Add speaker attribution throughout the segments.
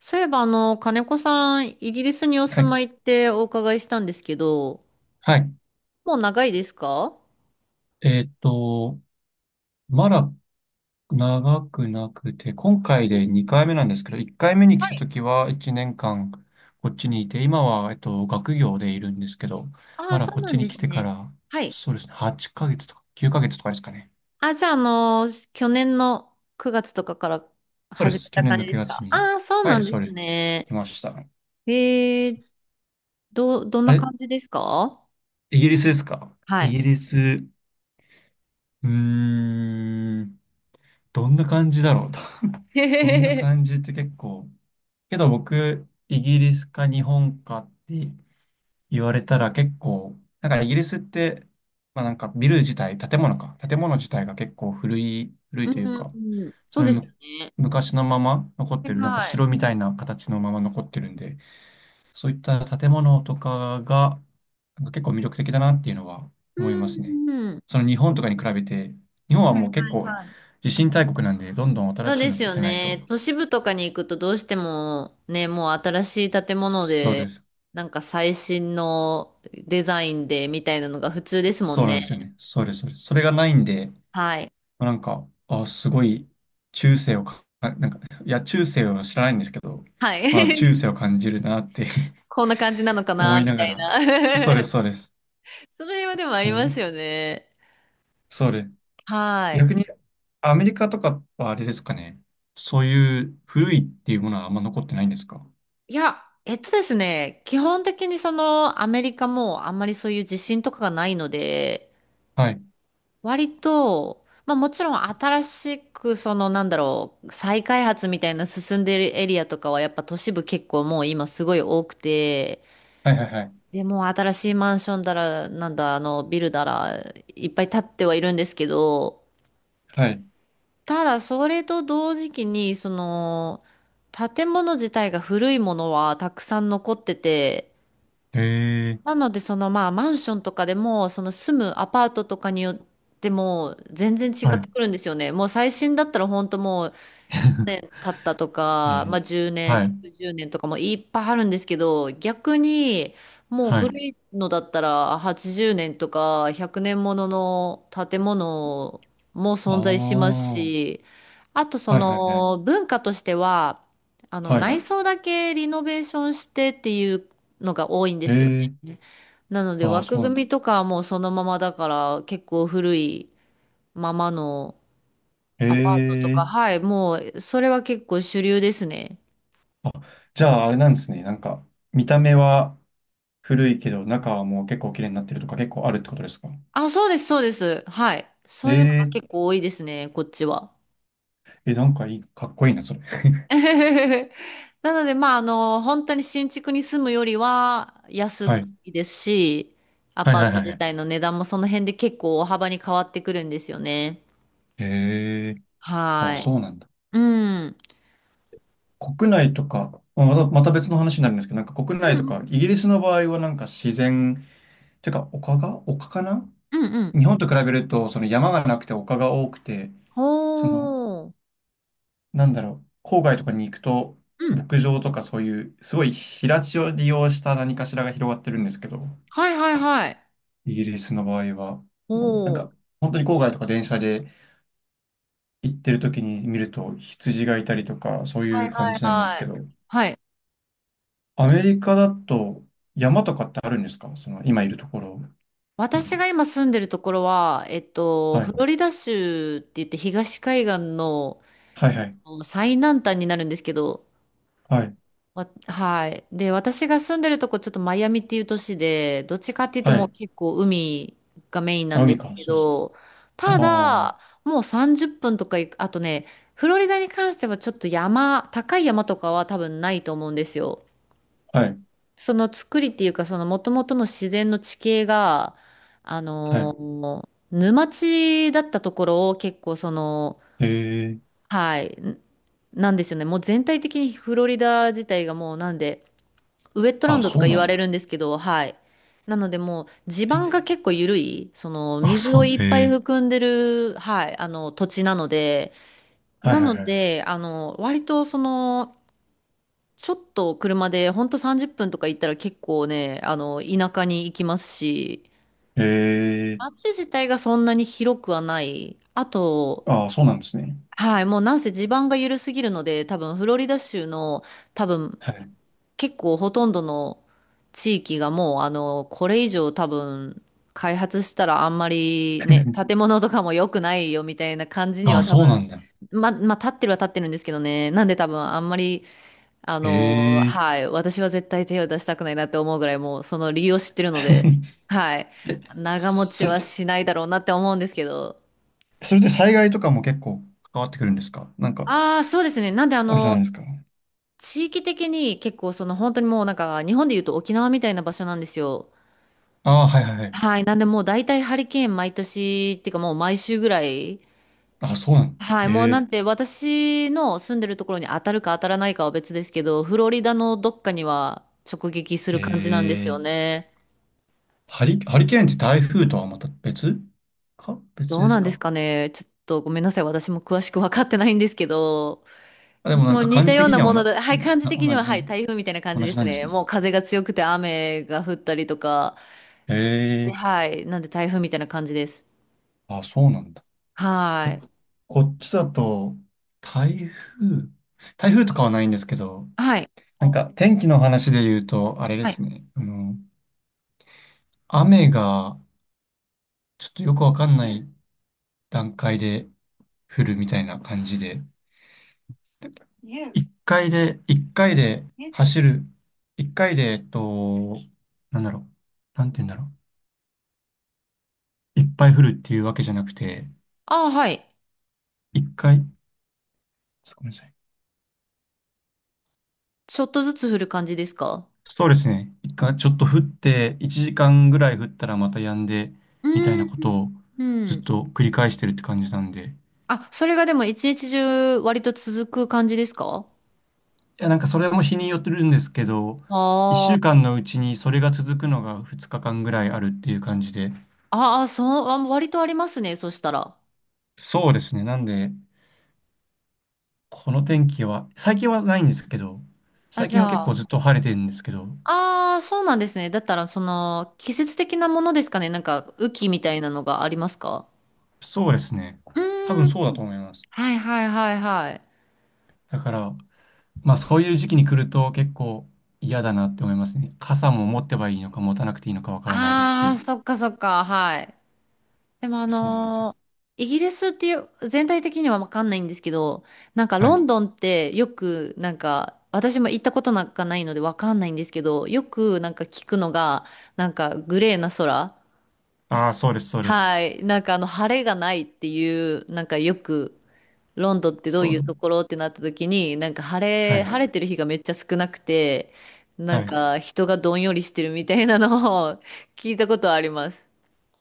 Speaker 1: そういえば、金子さん、イギリスにお
Speaker 2: は
Speaker 1: 住
Speaker 2: い。
Speaker 1: まいってお伺いしたんですけど、
Speaker 2: はい。
Speaker 1: もう長いですか？
Speaker 2: えーっと、まだ長くなくて、今回で2回目なんですけど、1回目に
Speaker 1: は
Speaker 2: 来た
Speaker 1: い。
Speaker 2: 時は1年間こっちにいて、今は、学業でいるんですけど、
Speaker 1: あ
Speaker 2: ま
Speaker 1: あ、
Speaker 2: だ
Speaker 1: そう
Speaker 2: こっ
Speaker 1: な
Speaker 2: ち
Speaker 1: ん
Speaker 2: に
Speaker 1: で
Speaker 2: 来
Speaker 1: す
Speaker 2: てか
Speaker 1: ね。
Speaker 2: ら、
Speaker 1: はい。
Speaker 2: そうですね、8ヶ月とか9ヶ月とかですかね。
Speaker 1: あ、じゃあ、去年の9月とかから
Speaker 2: そうで
Speaker 1: 始め
Speaker 2: す。去
Speaker 1: た
Speaker 2: 年
Speaker 1: 感
Speaker 2: の
Speaker 1: じです
Speaker 2: 9月
Speaker 1: か？
Speaker 2: に。
Speaker 1: ああー、そう
Speaker 2: は
Speaker 1: な
Speaker 2: い、
Speaker 1: んで
Speaker 2: そう
Speaker 1: す
Speaker 2: です。
Speaker 1: ね。
Speaker 2: 来ました。
Speaker 1: えー、どん
Speaker 2: あ
Speaker 1: な
Speaker 2: れ、
Speaker 1: 感じですか？
Speaker 2: イギリスですか？
Speaker 1: は
Speaker 2: イギ
Speaker 1: い。
Speaker 2: リス、ーん、どんな感じだろう。
Speaker 1: へ
Speaker 2: どん
Speaker 1: へ
Speaker 2: な
Speaker 1: へへ。
Speaker 2: 感じって結構、けど僕、イギリスか日本かって言われたら結構、なんかイギリスって、まあなんかビル自体、建物自体が結構古い、古
Speaker 1: う
Speaker 2: い
Speaker 1: ん、
Speaker 2: という
Speaker 1: うん
Speaker 2: か、
Speaker 1: うん、そ
Speaker 2: そ
Speaker 1: う
Speaker 2: の
Speaker 1: ですよ
Speaker 2: む
Speaker 1: ね。
Speaker 2: 昔のまま残っ
Speaker 1: は
Speaker 2: て
Speaker 1: い
Speaker 2: る、なんか
Speaker 1: はい。
Speaker 2: 城みたいな形のまま残ってるんで、そういった建物とかが、なんか結構魅力的だなっていうのは
Speaker 1: う
Speaker 2: 思いますね。
Speaker 1: ん、うん。
Speaker 2: その日本とかに比べて、日本は
Speaker 1: は
Speaker 2: もう結
Speaker 1: い
Speaker 2: 構
Speaker 1: はい、
Speaker 2: 地震大国なんで、どんどん
Speaker 1: そ
Speaker 2: 新
Speaker 1: う
Speaker 2: しい
Speaker 1: で
Speaker 2: の
Speaker 1: す
Speaker 2: 建
Speaker 1: よ
Speaker 2: てないと。
Speaker 1: ね。都市部とかに行くとどうしてもね、もう新しい建物
Speaker 2: そう
Speaker 1: で、
Speaker 2: です。
Speaker 1: なんか最新のデザインでみたいなのが普通ですもん
Speaker 2: そうなんですよ
Speaker 1: ね。
Speaker 2: ね。そうです、そうです。それがないんで、ま
Speaker 1: はい。
Speaker 2: あなんか、あ、すごい、中世をか、あなんか、いや、中世を知らないんですけど、
Speaker 1: は
Speaker 2: まあ、
Speaker 1: い。
Speaker 2: 中 世を感じるなって
Speaker 1: こんな感じなのか
Speaker 2: 思
Speaker 1: な、
Speaker 2: い
Speaker 1: み
Speaker 2: な
Speaker 1: た
Speaker 2: が
Speaker 1: い
Speaker 2: ら、
Speaker 1: な。
Speaker 2: そうです、そうです。
Speaker 1: その辺はでもあり
Speaker 2: 思い
Speaker 1: ますよね。
Speaker 2: そうです。
Speaker 1: は
Speaker 2: 逆
Speaker 1: い。
Speaker 2: に、アメリカとかはあれですかね。そういう古いっていうものはあんま残ってないんですか？
Speaker 1: いや、えっとですね、基本的にそのアメリカもあんまりそういう地震とかがないので、
Speaker 2: はい。
Speaker 1: 割と、まあもちろん新しくそのなんだろう、再開発みたいな進んでるエリアとかはやっぱ都市部結構もう今すごい多くて、
Speaker 2: はい、はい、はい。
Speaker 1: でもう新しいマンションだら、なんだあのビルだらいっぱい建ってはいるんですけど、
Speaker 2: はい。
Speaker 1: ただそれと同時期にその建物自体が古いものはたくさん残ってて、
Speaker 2: へ
Speaker 1: な
Speaker 2: え、
Speaker 1: ので、そのまあマンションとかでも、その住むアパートとかによっても全然違
Speaker 2: は
Speaker 1: っ
Speaker 2: い。
Speaker 1: てくるんですよね。もう最新だったら本当もう年 経ったと
Speaker 2: え
Speaker 1: か、ま
Speaker 2: ー、
Speaker 1: あ、10年、
Speaker 2: はい、
Speaker 1: 築10年とかもいっぱいあるんですけど、逆にもう
Speaker 2: はい。
Speaker 1: 古いのだったら80年とか100年ものの建物も
Speaker 2: ああ、
Speaker 1: 存在します
Speaker 2: は
Speaker 1: し、あと
Speaker 2: い、
Speaker 1: そ
Speaker 2: はい、はい。
Speaker 1: の文化としては、あの
Speaker 2: はい。
Speaker 1: 内装だけリノベーションしてっていうのが多いんで
Speaker 2: へ
Speaker 1: すよ
Speaker 2: え、
Speaker 1: ね。なので
Speaker 2: ああ、
Speaker 1: 枠
Speaker 2: そうなん
Speaker 1: 組
Speaker 2: だ。
Speaker 1: みとかはもうそのままだから結構古いままの
Speaker 2: へ
Speaker 1: アパートと
Speaker 2: え、
Speaker 1: か、はい、もう、それは結構主流ですね。
Speaker 2: あ、じゃああれなんですね。なんか、見た目は古いけど、中はもう結構綺麗になってるとか結構あるってことですか？
Speaker 1: あ、そうです、そうです。はい。そ
Speaker 2: え
Speaker 1: ういうのが
Speaker 2: え、
Speaker 1: 結構多いですね、こっちは。
Speaker 2: え、なんかいい、かっこいいな、それ。
Speaker 1: なので、まあ、あの、本当に新築に住むよりは安
Speaker 2: はい。
Speaker 1: いですし、ア
Speaker 2: はい
Speaker 1: パ
Speaker 2: は
Speaker 1: ー
Speaker 2: い
Speaker 1: ト
Speaker 2: はい
Speaker 1: 自
Speaker 2: はい。
Speaker 1: 体の値段もその辺で結構大幅に変わってくるんですよね。
Speaker 2: へえ、ああ、
Speaker 1: はい。
Speaker 2: そうなんだ。
Speaker 1: うん。う
Speaker 2: 国内とか、まあまた別の話になるんですけど、なんか国内
Speaker 1: ん
Speaker 2: とか、イギリスの場合はなんか自然、てか丘かな？
Speaker 1: うんうんうん。
Speaker 2: 日本と比べると、その山がなくて丘が多くて、
Speaker 1: ほ
Speaker 2: その
Speaker 1: ー。
Speaker 2: なんだろう、郊外とかに行くと、
Speaker 1: うん。
Speaker 2: 牧場とかそういう、すごい平地を利用した何かしらが広がってるんですけど、
Speaker 1: はいはいはい。
Speaker 2: イギリスの場合は、なん
Speaker 1: ほー。
Speaker 2: か、本当に郊外とか電車で行ってる時に見ると羊がいたりとか、そう
Speaker 1: は
Speaker 2: い
Speaker 1: い
Speaker 2: う
Speaker 1: は
Speaker 2: 感
Speaker 1: い
Speaker 2: じなんです
Speaker 1: は
Speaker 2: け
Speaker 1: い。
Speaker 2: ど、
Speaker 1: はい。
Speaker 2: アメリカだと山とかってあるんですか？その、今いるところ。う
Speaker 1: 私が
Speaker 2: ん。
Speaker 1: 今住んでるところは、えっと、
Speaker 2: は
Speaker 1: フロ
Speaker 2: い、
Speaker 1: リダ州って言って東海岸の
Speaker 2: はい、はい、
Speaker 1: 最南端になるんですけど、
Speaker 2: はい、
Speaker 1: わはい。で、私が住んでるとこちょっとマイアミっていう都市で、どっちかっていうと
Speaker 2: は
Speaker 1: もう
Speaker 2: い。
Speaker 1: 結構海がメインな
Speaker 2: あ、
Speaker 1: んで
Speaker 2: 海
Speaker 1: す
Speaker 2: か、
Speaker 1: け
Speaker 2: そうです。
Speaker 1: ど、
Speaker 2: ああ、
Speaker 1: た
Speaker 2: は
Speaker 1: だ、もう30分とか行く、あとね、フロリダに関してはちょっと山、高い山とかは多分ないと思うんですよ。
Speaker 2: い、
Speaker 1: その作りっていうか、その元々の自然の地形が、あ
Speaker 2: は
Speaker 1: の
Speaker 2: い。
Speaker 1: ー沼地だったところを結構その、
Speaker 2: へえ、
Speaker 1: はい、んなんですよね。もう全体的にフロリダ自体がもうなんで、ウエットラン
Speaker 2: あ、
Speaker 1: ドと
Speaker 2: そ
Speaker 1: か
Speaker 2: う
Speaker 1: 言
Speaker 2: な
Speaker 1: わ
Speaker 2: んだ。
Speaker 1: れるんですけど、はい。なのでもう地
Speaker 2: え、
Speaker 1: 盤が結構緩い、その
Speaker 2: あ、
Speaker 1: 水
Speaker 2: そ
Speaker 1: を
Speaker 2: う、
Speaker 1: いっぱ
Speaker 2: へ
Speaker 1: い
Speaker 2: え。
Speaker 1: 含んでる、はい、あの土地なので、
Speaker 2: は
Speaker 1: な
Speaker 2: い、はい、
Speaker 1: の
Speaker 2: はい。
Speaker 1: で、あの、割とその、ちょっと車でほんと30分とか行ったら結構ね、あの、田舎に行きますし、
Speaker 2: へえ。
Speaker 1: 街自体がそんなに広くはない。あと、
Speaker 2: ああ、そうなんですね。
Speaker 1: はい、もうなんせ地盤が緩すぎるので、多分フロリダ州の多分
Speaker 2: はい。
Speaker 1: 結構ほとんどの地域がもうあの、これ以上多分開発したらあんまりね、建物とかも良くないよみたいな感じに
Speaker 2: ああ、
Speaker 1: は多
Speaker 2: そうな
Speaker 1: 分、
Speaker 2: んだ。
Speaker 1: まあ、立ってるは立ってるんですけどね。なんで多分あんまり
Speaker 2: へえ。
Speaker 1: はい。私は絶対手を出したくないなって思うぐらい、もうその理由を知ってるので、はい。
Speaker 2: え、
Speaker 1: 長持ち
Speaker 2: それ、
Speaker 1: はしないだろうなって思うんですけど。
Speaker 2: それで災害とかも結構関わってくるんですか？なんか、
Speaker 1: ああ、そうですね。なんで、あ
Speaker 2: あるじゃない
Speaker 1: の、
Speaker 2: ですか。
Speaker 1: 地域的に結構、その本当にもうなんか、日本で言うと沖縄みたいな場所なんですよ。
Speaker 2: ああ、はいはいはい。
Speaker 1: はい。なんで、もう大体ハリケーン毎年、っていうかもう毎週ぐらい。
Speaker 2: ああ、そうなの。
Speaker 1: はい。もう
Speaker 2: へ
Speaker 1: な
Speaker 2: え。
Speaker 1: んて、私の住んでるところに当たるか当たらないかは別ですけど、フロリダのどっかには直撃す
Speaker 2: へ
Speaker 1: る感じなんですよ
Speaker 2: え。
Speaker 1: ね。
Speaker 2: ハリケーンって台風とはまた別
Speaker 1: どう
Speaker 2: で
Speaker 1: な
Speaker 2: す
Speaker 1: んです
Speaker 2: か？
Speaker 1: かね。ちょっとごめんなさい。私も詳しく分かってないんですけど、
Speaker 2: あ、でも
Speaker 1: で
Speaker 2: なん
Speaker 1: も
Speaker 2: か
Speaker 1: 似
Speaker 2: 感
Speaker 1: た
Speaker 2: じ
Speaker 1: よう
Speaker 2: 的
Speaker 1: な
Speaker 2: には
Speaker 1: も
Speaker 2: お
Speaker 1: の
Speaker 2: な、
Speaker 1: で、はい、感じ
Speaker 2: な
Speaker 1: 的に
Speaker 2: 同
Speaker 1: は、
Speaker 2: じ
Speaker 1: はい、
Speaker 2: ね。
Speaker 1: 台風みたいな感じ
Speaker 2: 同
Speaker 1: で
Speaker 2: じ
Speaker 1: す
Speaker 2: なんです
Speaker 1: ね。
Speaker 2: ね。
Speaker 1: もう風が強くて雨が降ったりとか、
Speaker 2: へ
Speaker 1: で
Speaker 2: え。
Speaker 1: はい、なんで台風みたいな感じです。
Speaker 2: ああ、そうなんだ。
Speaker 1: は
Speaker 2: こ、
Speaker 1: い。
Speaker 2: こっちだと、台風、台風とかはないんですけど、
Speaker 1: はい。
Speaker 2: なんか天気の話で言うと、あれで
Speaker 1: はい。
Speaker 2: すね、あの、雨がちょっとよくわかんない段階で降るみたいな感じで、一回で走る、一回で、なんだろう、なんて言うんだろう、いっぱい降るっていうわけじゃなくて、
Speaker 1: ああ、はい。
Speaker 2: 一回、ちょっとごめんなさい。
Speaker 1: ちょっとずつ降る感じですか？
Speaker 2: そうですね。一回ちょっと降って、1時間ぐらい降ったらまた止んで、
Speaker 1: う
Speaker 2: みたい
Speaker 1: ー
Speaker 2: な
Speaker 1: ん。
Speaker 2: ことを
Speaker 1: う
Speaker 2: ずっ
Speaker 1: ん。
Speaker 2: と繰り返してるって感じなんで。
Speaker 1: あ、それがでも一日中割と続く感じですか？
Speaker 2: いや、なんかそれも日によってるんですけど、
Speaker 1: あ
Speaker 2: 1週
Speaker 1: ー
Speaker 2: 間のうちにそれが続くのが2日間ぐらいあるっていう感じで。
Speaker 1: あー、そう、あ、割とありますね。そしたら。
Speaker 2: そうですね。なんで、この天気は、最近はないんですけど、
Speaker 1: あ、
Speaker 2: 最
Speaker 1: じ
Speaker 2: 近は結
Speaker 1: ゃあ、
Speaker 2: 構ずっと晴れてるんですけど、
Speaker 1: ああ、そうなんですね。だったら、その、季節的なものですかね。なんか、雨季みたいなのがありますか？
Speaker 2: そうですね。
Speaker 1: う
Speaker 2: 多
Speaker 1: ー
Speaker 2: 分
Speaker 1: ん。
Speaker 2: そうだと思います。
Speaker 1: はいはいはいはい。
Speaker 2: だから、まあそういう時期に来ると結構嫌だなって思いますね。傘も持ってばいいのか持たなくていいのかわからないです
Speaker 1: ああ、
Speaker 2: し。
Speaker 1: そっかそっか、はい。でも
Speaker 2: そうなんですよ。
Speaker 1: イギリスっていう、全体的にはわかんないんですけど、なんか
Speaker 2: は
Speaker 1: ロ
Speaker 2: い。
Speaker 1: ンドンってよく、なんか、私も行ったことなんかないのでわかんないんですけど、よくなんか聞くのが、なんかグレーな空。
Speaker 2: ああ、そうです、そうです。
Speaker 1: はい。なんかあの、晴れがないっていう、なんかよく、ロンドンってどう
Speaker 2: そ
Speaker 1: い
Speaker 2: う。
Speaker 1: うところってなった時に、
Speaker 2: はい。
Speaker 1: 晴れてる日がめっちゃ少なくて、なん
Speaker 2: はい。い
Speaker 1: か人がどんよりしてるみたいなのを 聞いたことあります。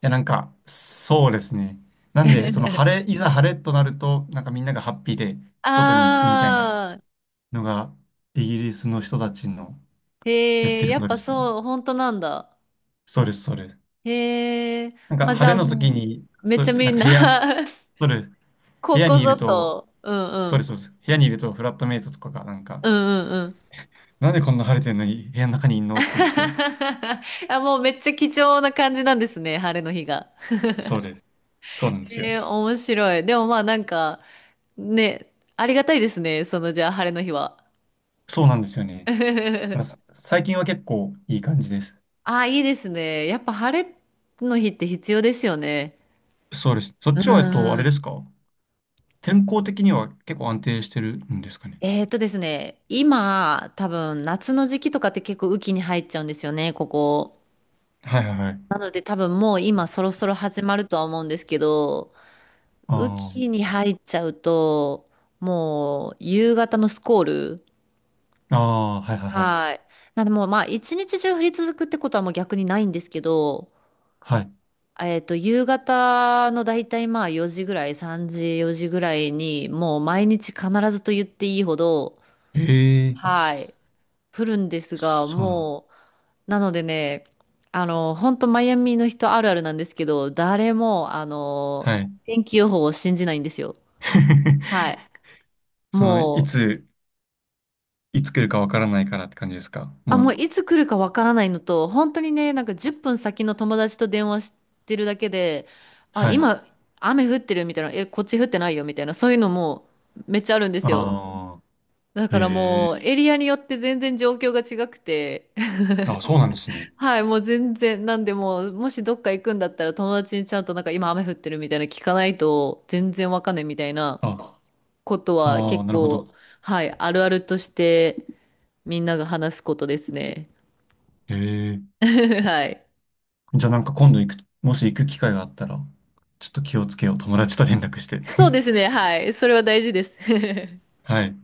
Speaker 2: や、なんか、そうですね。なんで、その晴れ、いざ晴れとなると、なんかみんながハッピーで 外に行くみたいな
Speaker 1: あ
Speaker 2: のが、イギリスの人たちの
Speaker 1: ー、
Speaker 2: やっ
Speaker 1: へ
Speaker 2: て
Speaker 1: え、
Speaker 2: る
Speaker 1: や
Speaker 2: こ
Speaker 1: っ
Speaker 2: とで
Speaker 1: ぱ
Speaker 2: すね。
Speaker 1: そう、本当なんだ。
Speaker 2: そうです、そうです。
Speaker 1: へえ、
Speaker 2: なんか
Speaker 1: まあじゃ
Speaker 2: 晴
Speaker 1: あ
Speaker 2: れの時
Speaker 1: も
Speaker 2: に、
Speaker 1: う、めっちゃみ
Speaker 2: なん
Speaker 1: ん
Speaker 2: か
Speaker 1: な
Speaker 2: 部屋、そうです。部
Speaker 1: こ
Speaker 2: 屋
Speaker 1: こ
Speaker 2: にい
Speaker 1: ぞ
Speaker 2: ると、
Speaker 1: と、うん
Speaker 2: そう
Speaker 1: う
Speaker 2: で
Speaker 1: ん。
Speaker 2: す、そうです。部屋にいるとフラットメイトとかがなんか、
Speaker 1: うんうんうん。
Speaker 2: なんでこんな晴れてんのに部屋の中にいんのって言って、
Speaker 1: あ、もうめっちゃ貴重な感じなんですね、晴れの日が。
Speaker 2: そうです。そうなんですよ。
Speaker 1: えー、面白い。でもまあなんか、ね、ありがたいですね。そのじゃあ晴れの日は。
Speaker 2: そうなんですよね。だから最近は結構いい感じです。
Speaker 1: ああ、いいですね。やっぱ晴れの日って必要ですよね。
Speaker 2: そうです。そっ
Speaker 1: う
Speaker 2: ちは、あ
Speaker 1: ー
Speaker 2: れです
Speaker 1: ん。
Speaker 2: か？天候的には結構安定してるんですかね。
Speaker 1: えーとですね、今、多分夏の時期とかって結構雨季に入っちゃうんですよね、ここ。
Speaker 2: はいはいはい。
Speaker 1: なので多分もう今そろそろ始まるとは思うんですけど、雨
Speaker 2: あ
Speaker 1: 季に入っちゃうと、もう夕方のスコール、
Speaker 2: あ、ああ、はいはいはい。
Speaker 1: はい。なんでもう、まあ、一日中降り続くってことはもう逆にないんですけど、
Speaker 2: はい。
Speaker 1: えっと、夕方のだいたいまあ4時ぐらい、3時、4時ぐらいに、もう毎日必ずと言っていいほど、
Speaker 2: ええ。あ、
Speaker 1: はい、降るんですが、
Speaker 2: そうなんだ。
Speaker 1: もう、なのでね、あの、本当マイアミの人あるあるなんですけど、誰も、あの、
Speaker 2: はい。
Speaker 1: 天気予報を信じないんですよ。はい。
Speaker 2: その、い
Speaker 1: も
Speaker 2: つ、いつ来るかわからないからって感じですか？もう、
Speaker 1: もういつ来るかわからないのと、本当にね、なんか10分先の友達と電話してるだけで、あ、
Speaker 2: はい。
Speaker 1: 今雨降ってるみたいな、え、こっち降ってないよみたいな、そういうのもめっちゃあるんですよ。
Speaker 2: あ
Speaker 1: だから
Speaker 2: あ、え
Speaker 1: もう
Speaker 2: え。
Speaker 1: エリアによって全然状況が違くて、
Speaker 2: あ、そうなんですね。
Speaker 1: はい、もう全然、なんでもう、もしどっか行くんだったら友達にちゃんとなんか今雨降ってるみたいな聞かないと全然わかんないみたいな
Speaker 2: あ、
Speaker 1: ことは
Speaker 2: ああ、
Speaker 1: 結
Speaker 2: なるほ
Speaker 1: 構、
Speaker 2: ど。
Speaker 1: はい、あるあるとしてみんなが話すことですね。
Speaker 2: ええ。
Speaker 1: はい。
Speaker 2: じゃあなんか今度行く、もし行く機会があったら、ちょっと気をつけよう。友達と連絡して。
Speaker 1: そうですね。はい。それは大事です。
Speaker 2: はい。